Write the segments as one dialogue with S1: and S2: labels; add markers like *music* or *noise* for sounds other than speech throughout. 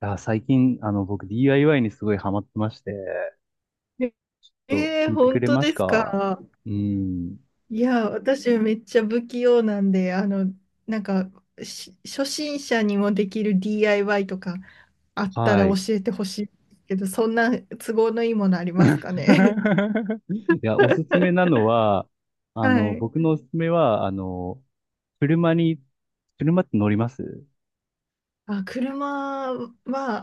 S1: あ、最近、僕 DIY にすごいハマってまして、
S2: ええー、
S1: 聞いてく
S2: 本
S1: れ
S2: 当
S1: ま
S2: で
S1: す
S2: す
S1: か？
S2: か？
S1: うん。
S2: いや、私めっちゃ不器用なんで、なんか、初心者にもできる DIY とかあったら
S1: は
S2: 教
S1: い。
S2: えてほしいけど、そんな都合のいいものありますかね？
S1: *laughs* いや、おすすめな
S2: *laughs*
S1: のは、
S2: はい。
S1: 僕のおすすめは、車に、車って乗ります
S2: あ、車は、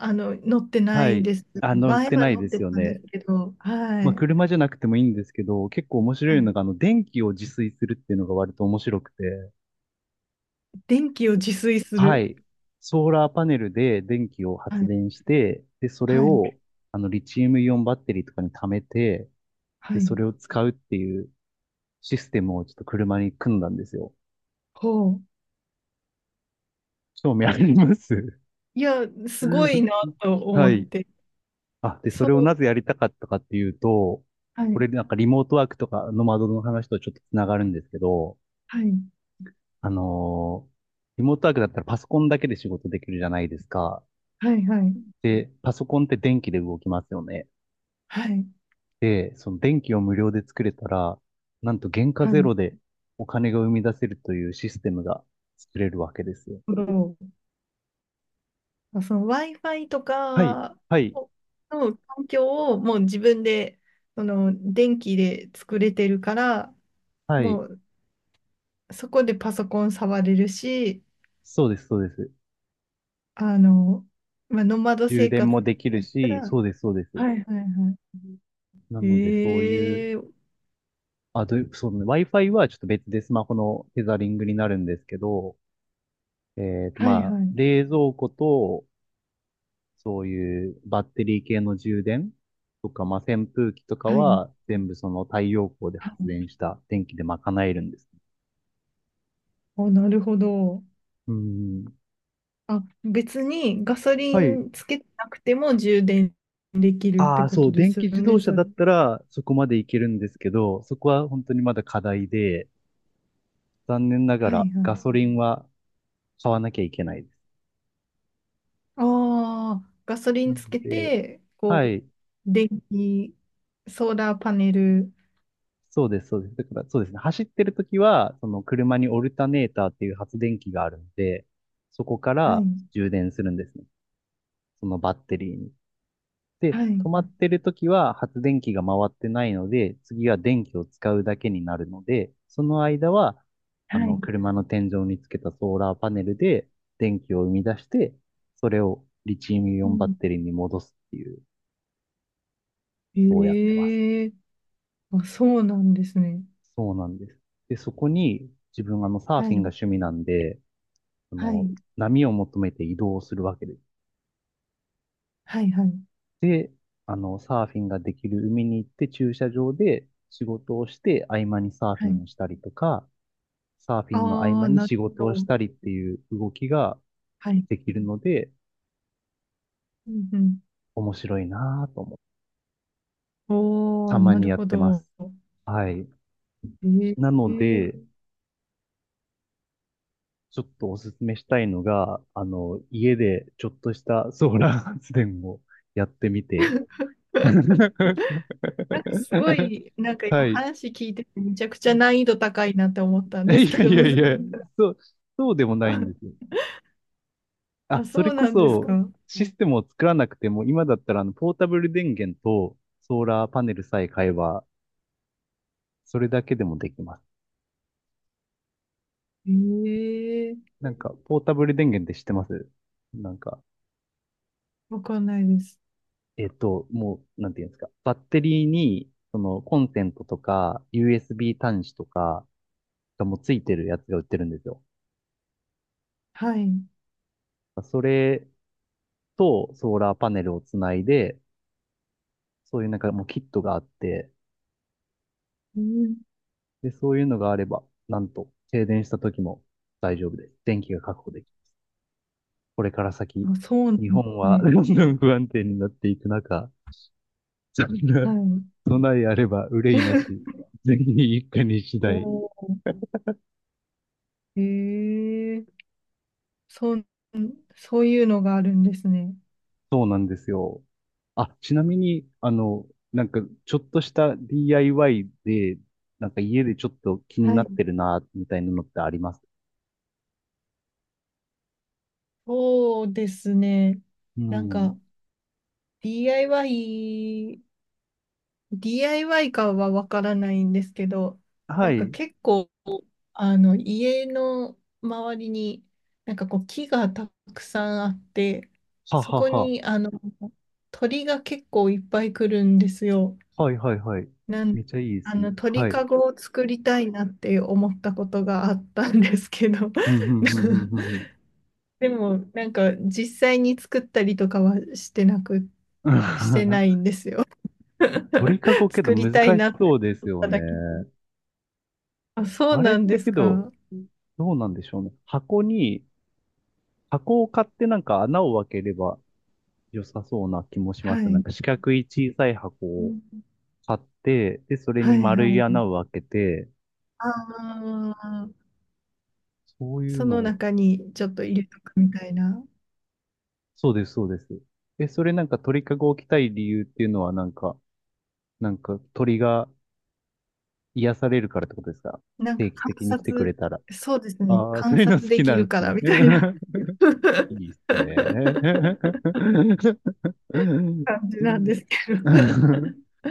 S2: 乗ってな
S1: は
S2: い
S1: い。
S2: です。
S1: あ、乗っ
S2: 前
S1: て
S2: は
S1: ない
S2: 乗っ
S1: で
S2: て
S1: すよ
S2: たんで
S1: ね。
S2: すけど、は
S1: まあ、
S2: い。
S1: 車じゃなくてもいいんですけど、結構面
S2: は
S1: 白いの
S2: い、
S1: が、電気を自炊するっていうのが割と面白くて。
S2: 電気を自炊す
S1: は
S2: る。
S1: い。ソーラーパネルで電気を
S2: は
S1: 発
S2: い。
S1: 電して、で、それ
S2: はい。
S1: を、リチウムイオンバッテリーとかに貯めて、
S2: は
S1: で、そ
S2: い。
S1: れを使うっていうシステムをちょっと車に組んだんですよ。
S2: ほう。
S1: 興味あります？
S2: いや、すごいな
S1: *laughs*
S2: と思
S1: は
S2: っ
S1: い。
S2: て。
S1: あ、で、そ
S2: そ
S1: れをな
S2: う。
S1: ぜやりたかったかっていうと、
S2: は
S1: こ
S2: い、
S1: れなんかリモートワークとかノマドの話とちょっとつながるんですけど、
S2: はい、
S1: あのーリモートワークだったらパソコンだけで仕事できるじゃないですか。
S2: はい、はい、
S1: で、パソコンって電気で動きますよね。
S2: はい、
S1: で、その電気を無料で作れたら、なんと原価
S2: は
S1: ゼ
S2: い。
S1: ロでお金が生み出せるというシステムが作れるわけですよ。
S2: なるほど。あ、その Wi-Fi と
S1: はい、
S2: か
S1: はい、
S2: をの環境をもう自分で、その電気で作れてるから、
S1: は
S2: も
S1: い。
S2: うそこでパソコン触れるし、
S1: そうです、そうです。
S2: あの、まあ、ノマド
S1: 充
S2: 生
S1: 電
S2: 活
S1: もできる
S2: やった
S1: し、
S2: ら、
S1: そうです、そうです。
S2: はいはいは
S1: うん。なので、そういう、
S2: い。ええ、
S1: そうね、Wi-Fi はちょっと別でスマホのテザリングになるんですけど、
S2: はい
S1: まあ、
S2: はい、
S1: 冷蔵庫とそういうバッテリー系の充電とか、まあ、扇風機とか
S2: はい、
S1: は全部その太陽光で
S2: は
S1: 発
S2: い。
S1: 電した電気で賄えるんです。
S2: お、なるほど。
S1: うん。
S2: あ、別にガソリ
S1: はい。
S2: ンつけてなくても充電できるっ
S1: あ
S2: て
S1: あ、
S2: こ
S1: そ
S2: と
S1: う、
S2: で
S1: 電
S2: す
S1: 気
S2: よ
S1: 自動
S2: ね、
S1: 車
S2: それ。
S1: だったらそこまでいけるんですけど、そこは本当にまだ課題で、残念なが
S2: は
S1: ら
S2: いは
S1: ガ
S2: い。
S1: ソリンは買わなきゃいけないです。
S2: ああ、ガソリ
S1: な
S2: ンつ
S1: の
S2: け
S1: で、
S2: て、こ
S1: は
S2: う、
S1: い。
S2: 電気、ソーラーパネル。
S1: そうです、そうです。だから、そうですね。走ってるときは、その車にオルタネーターっていう発電機があるんで、そこか
S2: は
S1: ら
S2: い、
S1: 充電するんですね。そのバッテリーに。で、
S2: は
S1: 止
S2: い、
S1: まってる時は発電機が回ってないので、次は電気を使うだけになるので、その間は、
S2: はい。
S1: 車の天井につけたソーラーパネルで電気を生み出して、それをリチウムイ
S2: う
S1: オンバッ
S2: ん、
S1: テリーに戻すっていう、そうやってます。
S2: ええ、あ、そうなんですね。
S1: そうなんです。で、そこに自分サーフ
S2: は
S1: ィンが
S2: い、
S1: 趣味なんで、あ
S2: は
S1: の、
S2: い、
S1: 波を求めて移動するわけです。
S2: はい、はい、
S1: で、サーフィンができる海に行って駐車場で仕事をして合間にサーフ
S2: は
S1: ィ
S2: い。
S1: ンをしたりとか、サーフィンの合
S2: あ
S1: 間
S2: あ、
S1: に
S2: なる
S1: 仕
S2: ほ
S1: 事をし
S2: ど。
S1: たりっていう動きが
S2: はい。
S1: できるので、
S2: うん、うん。
S1: 面白いなぁと思って
S2: お
S1: た
S2: ー、
S1: ま
S2: な
S1: に
S2: る
S1: や
S2: ほ
S1: ってま
S2: ど。
S1: す。はい。
S2: え
S1: なの
S2: え。
S1: で、ちょっとおすすめしたいのが、家でちょっとしたソーラー発電をやってみて。
S2: *laughs*
S1: *laughs*
S2: なんかすごい、なんか今
S1: はい。*laughs*
S2: 話聞いててめちゃくちゃ難易度高いなって思ったん
S1: い
S2: ですけ
S1: や
S2: ど、
S1: いや
S2: 難し
S1: いや、
S2: い。
S1: そう、そうでもないんですよ。
S2: *laughs*
S1: あ、
S2: あ、
S1: そ
S2: そ
S1: れ
S2: う
S1: こ
S2: なんです
S1: そ、
S2: か。
S1: システムを作らなくても、今だったらポータブル電源とソーラーパネルさえ買えば、それだけでもできます。
S2: ええ、
S1: なんか、ポータブル電源って知ってます？なんか、
S2: わかんないです。
S1: もう、なんていうんですか。バッテリーに、その、コンセントとか、USB 端子とかがもうついてるやつが売ってるんですよ。
S2: はい。
S1: それと、ソーラーパネルをつないで、そういうなんかもうキットがあって、
S2: うん、
S1: で、そういうのがあれば、なんと、停電した時も大丈夫です。電気が確保できる。これから先、
S2: あ、そうなんで
S1: 日本
S2: す
S1: は
S2: ね。
S1: どんどん不安定になっていく中、そんな
S2: はい。
S1: 備えあれば憂いなし。
S2: *laughs*
S1: 全員一家に一台。
S2: おー、ええ、そう、そういうのがあるんですね。
S1: そうなんですよ。あ、ちなみに、なんか、ちょっとした DIY で、なんか家でちょっと気に
S2: は
S1: なって
S2: い。
S1: るな、みたいなのってあります？
S2: そうですね。
S1: う
S2: なん
S1: ん。
S2: か DIY、DIY かはわからないんですけど、
S1: は
S2: なんか
S1: い。
S2: 結構、家の周りに、なんかこう、木がたくさんあって、
S1: は
S2: そ
S1: は
S2: こ
S1: は。
S2: に、鳥が結構いっぱい来るんですよ。
S1: はいはいはい。
S2: なん
S1: めちゃいいで
S2: あ
S1: すね。
S2: の、鳥
S1: はい。
S2: かごを作りたいなって思ったことがあったんですけど、
S1: うん、うん、うん、うん、う
S2: *laughs*
S1: んうん。
S2: でも、なんか、実際に作ったりとかはしてな
S1: *laughs*
S2: いんですよ。
S1: 鳥
S2: *laughs*
S1: かごけど
S2: 作り
S1: 難
S2: たい
S1: し
S2: なっ
S1: そ
S2: て
S1: うです
S2: 思っ
S1: よ
S2: た
S1: ね。
S2: だけ。あ、そう
S1: あれっ
S2: なん
S1: て
S2: です
S1: けど、
S2: か。
S1: どうなんでしょうね。箱を買ってなんか穴を開ければ良さそうな気もしま
S2: は
S1: す。なん
S2: い。
S1: か四角い小さい箱を買って、で、それ
S2: は
S1: に
S2: い
S1: 丸
S2: は
S1: い
S2: い。
S1: 穴を開けて、
S2: ああ、
S1: そういう
S2: そ
S1: の
S2: の
S1: を、
S2: 中にちょっと入れとくみたいな。
S1: そうです、そうです。え、それなんか鳥かごを置きたい理由っていうのはなんか、なんか鳥が癒されるからってことですか？
S2: なん
S1: 定
S2: か
S1: 期
S2: 観
S1: 的に来てくれ
S2: 察、
S1: たら。
S2: そうですね、
S1: ああ、そ
S2: 観
S1: ういうの
S2: 察
S1: 好
S2: で
S1: き
S2: き
S1: なん
S2: る
S1: で
S2: か
S1: す
S2: ら
S1: ね。
S2: みたいな
S1: *laughs* いいっす
S2: *laughs*
S1: ね。*laughs*
S2: 感じなんですけど。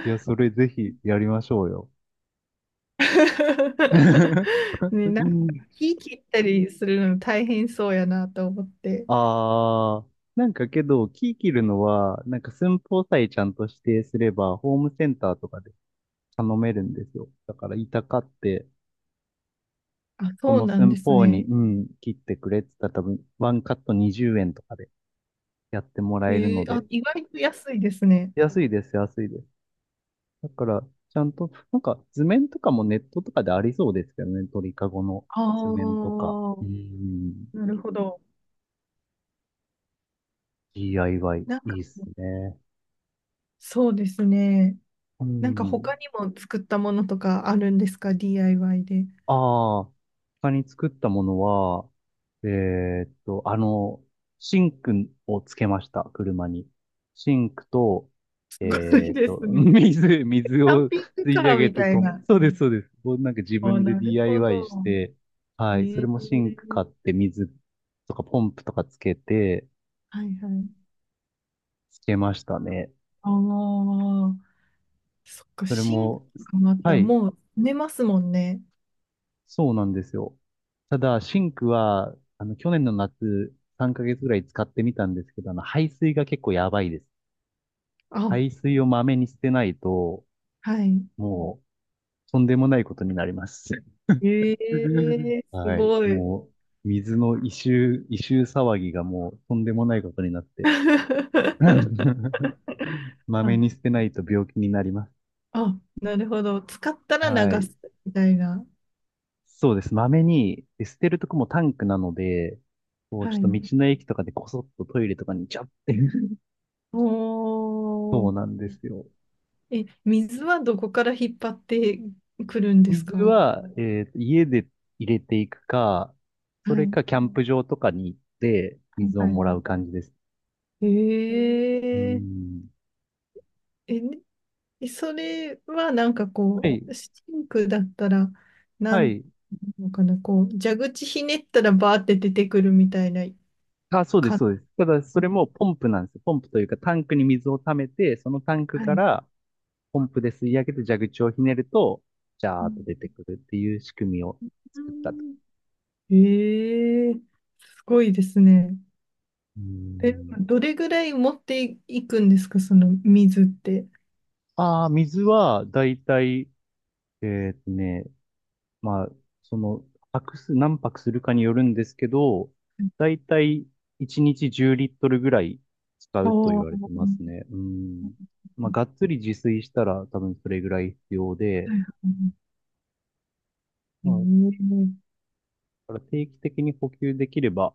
S1: いや、それぜひやりましょうよ。
S2: *laughs*
S1: *laughs*
S2: ね、なんか木切ったりするの大変そうやなと思って。
S1: ああ、なんかけど、キー切るのは、なんか寸法さえちゃんと指定すれば、ホームセンターとかで頼めるんですよ。だから、板買って、
S2: あ、
S1: こ
S2: そう
S1: の
S2: なん
S1: 寸
S2: です
S1: 法に、
S2: ね。
S1: うん、切ってくれって言ったら多分、ワンカット20円とかでやってもらえる
S2: へ
S1: の
S2: え、あ、
S1: で、
S2: 意外と安いですね。
S1: 安いです、安いです。だから、ちゃんと、なんか図面とかもネットとかでありそうですけどね、鳥かごの
S2: あ
S1: 図面とか。う
S2: あ、
S1: ん、
S2: なるほど。
S1: DIY、
S2: なん
S1: い
S2: か、
S1: いっすね。
S2: そうですね。
S1: う
S2: なんか他
S1: ん。
S2: にも作ったものとかあるんですか？ DIY で。
S1: ああ、他に作ったものは、えーっと、あの、シンクをつけました、車に。シンクと、
S2: すごいです
S1: *laughs*
S2: ね。キ
S1: 水
S2: ャン
S1: を
S2: ピング
S1: 吸い
S2: カ
S1: 上
S2: ー
S1: げ
S2: み
S1: て
S2: たい
S1: ポン。
S2: な。
S1: そうです、そうです。もうなんか自
S2: あ、
S1: 分で
S2: なるほど。
S1: DIY して、はい、それもシンク
S2: ええ、
S1: 買って水とかポンプとかつけて、
S2: はいはい。
S1: つけましたね。
S2: ああ、そっか、
S1: それ
S2: シンク
S1: も、
S2: とかもあった
S1: は
S2: ら
S1: い、
S2: もう埋めますもんね。
S1: そうなんですよ。ただ、シンクは、去年の夏、3ヶ月ぐらい使ってみたんですけど、排水が結構やばいです。
S2: あ、
S1: 排水をまめに捨てないと、
S2: はい。
S1: もう、とんでもないことになります。
S2: え
S1: *laughs*
S2: え、す
S1: はい。
S2: ごい。
S1: もう、水の異臭騒ぎがもう、とんでもないことになって。
S2: *laughs*
S1: *laughs* まめ
S2: あ、
S1: に捨てないと病気になります。
S2: あ、なるほど。使ったら
S1: は
S2: 流
S1: い。
S2: すみたいな。
S1: そうです。まめに、で捨てるとこもタンクなので、こう、ちょっ
S2: は
S1: と道
S2: い。
S1: の駅とかでこそっとトイレとかにちゃって
S2: お
S1: そうな
S2: ー、
S1: んですよ。
S2: え、水はどこから引っ張ってくるんです
S1: 水
S2: か？は
S1: は、家で入れていくか、
S2: い。
S1: そ
S2: は
S1: れ
S2: い
S1: かキャンプ場とかに行って水を
S2: はい。
S1: もらう感じです。う
S2: え
S1: ん。
S2: ー、え、ねえ、それはなんか
S1: は
S2: こ
S1: い。
S2: う、シンクだったら、な
S1: は
S2: んて
S1: い。
S2: いうのかな、こう、蛇口ひねったらバーって出てくるみたいな
S1: あ、そうです、
S2: 感
S1: そうで
S2: じ。
S1: す。ただ、それもポンプなんですよ。ポンプというか、タンクに水を溜めて、そのタンク
S2: は
S1: か
S2: い。
S1: らポンプで吸い上げて蛇口をひねると、ジャーっと出
S2: う
S1: てくるっていう仕組みを作ったと。
S2: ん、えー、すごいですね。
S1: うー
S2: え、
S1: ん。
S2: どれぐらい持っていくんですか、その水って。
S1: ああ、水は、だいたい、えーっとね、まあ、その、何泊するかによるんですけど、だいたい1日10リットルぐらい使
S2: ああ、
S1: うと言
S2: は
S1: われて
S2: い
S1: ますね。うん。まあ、がっつり自炊したら多分それぐらい必要で、
S2: はい、う
S1: まあ、だ
S2: ーん。
S1: から定期的に補給できれば、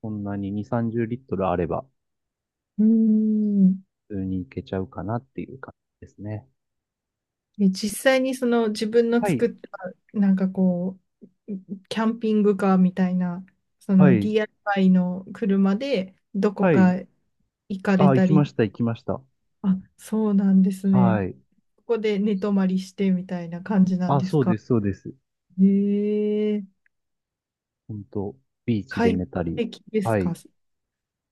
S1: そんなに2、30リットルあれば、
S2: うーん、
S1: 普通にいけちゃうかなっていう感じですね。
S2: え、実際にその自分の
S1: は
S2: 作
S1: い、
S2: った、なんかこう、キャンピングカーみたいな、そ
S1: は
S2: の
S1: い、
S2: DIY の車でどこ
S1: は
S2: か
S1: い。
S2: 行かれ
S1: あ、行
S2: た
S1: きま
S2: り、
S1: した、行きました。
S2: あ、そうなんですね。
S1: はい。
S2: ここで寝泊まりしてみたいな感じなん
S1: あ、
S2: です
S1: そう
S2: か。
S1: です、そうです。
S2: へえ、
S1: 本当ビーチで
S2: 快
S1: 寝たり。
S2: 適です
S1: は
S2: か。
S1: い。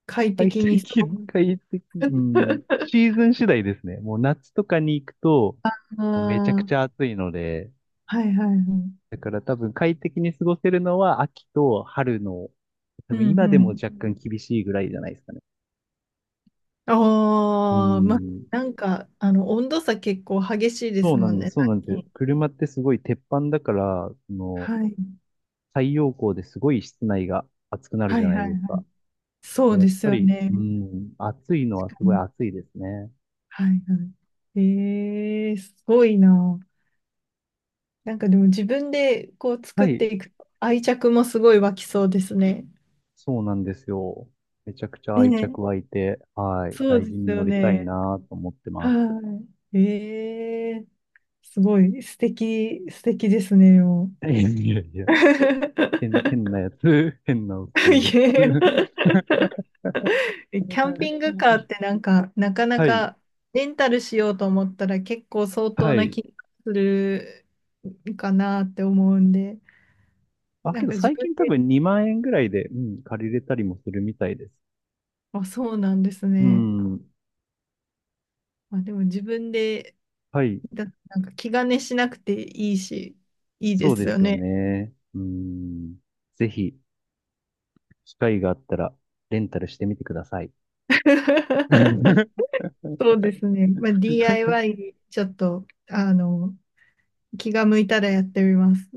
S2: 快
S1: 快
S2: 適にそ
S1: 適、
S2: う。
S1: 快適、うん。シー
S2: *laughs*
S1: ズン次第ですね。もう夏とかに行くと、
S2: あ
S1: もうめちゃくちゃ
S2: あ、
S1: 暑いので、
S2: はいはいはい。
S1: だから多分快適に過ごせるのは秋と春の、多
S2: う
S1: 分
S2: ん
S1: 今
S2: う
S1: でも
S2: ん。
S1: 若干厳しいぐらいじゃないですかね。う
S2: ああ、まあ、
S1: ん。
S2: なんか、温度差結構激しいで
S1: そ
S2: す
S1: うな
S2: も
S1: ん
S2: ん
S1: です、
S2: ね、
S1: そうなんです
S2: 最
S1: よ。
S2: 近。
S1: 車ってすごい鉄板だから、その、
S2: はい。
S1: 太陽光ですごい室内が暑くなる
S2: は
S1: じゃ
S2: い
S1: ない
S2: はい。
S1: ですか。
S2: そう
S1: やっ
S2: です
S1: ぱ
S2: よ
S1: り、う
S2: ね。
S1: ん、暑いのはす
S2: う
S1: ごい
S2: ん、
S1: 暑いですね。
S2: はいはい。ええ、すごいな。なんかでも自分でこう
S1: は
S2: 作っ
S1: い。
S2: ていくと愛着もすごい湧きそうですね。
S1: そうなんですよ。めちゃくちゃ
S2: ね
S1: 愛
S2: え。
S1: 着湧いて、はい、
S2: そう
S1: 大
S2: で
S1: 事
S2: す
S1: に乗
S2: よ
S1: りたい
S2: ね。
S1: なと思って
S2: は
S1: ます。
S2: い。ええ、すごい素敵、素敵ですね、も
S1: いやいやい
S2: う。
S1: や、
S2: *laughs*
S1: 変なやつ、*laughs* 変なおっ
S2: *laughs*
S1: さんで
S2: い
S1: す。
S2: や、キャンピングカーっ
S1: *laughs*
S2: てなんか、なかな
S1: はい、
S2: かレンタルしようと思ったら結構相
S1: は
S2: 当な
S1: い。
S2: 気がするかなって思うんで、
S1: あ、
S2: な
S1: け
S2: ん
S1: ど
S2: か自
S1: 最
S2: 分
S1: 近多
S2: で、
S1: 分2万円ぐらいで、うん、借りれたりもするみたいです。
S2: あ、そうなんです
S1: う
S2: ね。
S1: ん、
S2: まあ、でも自分で、
S1: はい、
S2: なんか気兼ねしなくていいし、いいで
S1: そうで
S2: すよ
S1: すよ
S2: ね。
S1: ね。うん、ぜひ、機会があったら、レンタルしてみてください。
S2: *laughs* そうですね。まあ、
S1: *laughs*
S2: DIY ちょっと、気が向いたらやってみます。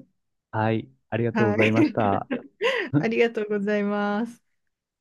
S1: はい、ありがとうご
S2: は
S1: ざい
S2: い。
S1: ました。
S2: *laughs* ありがとうございます。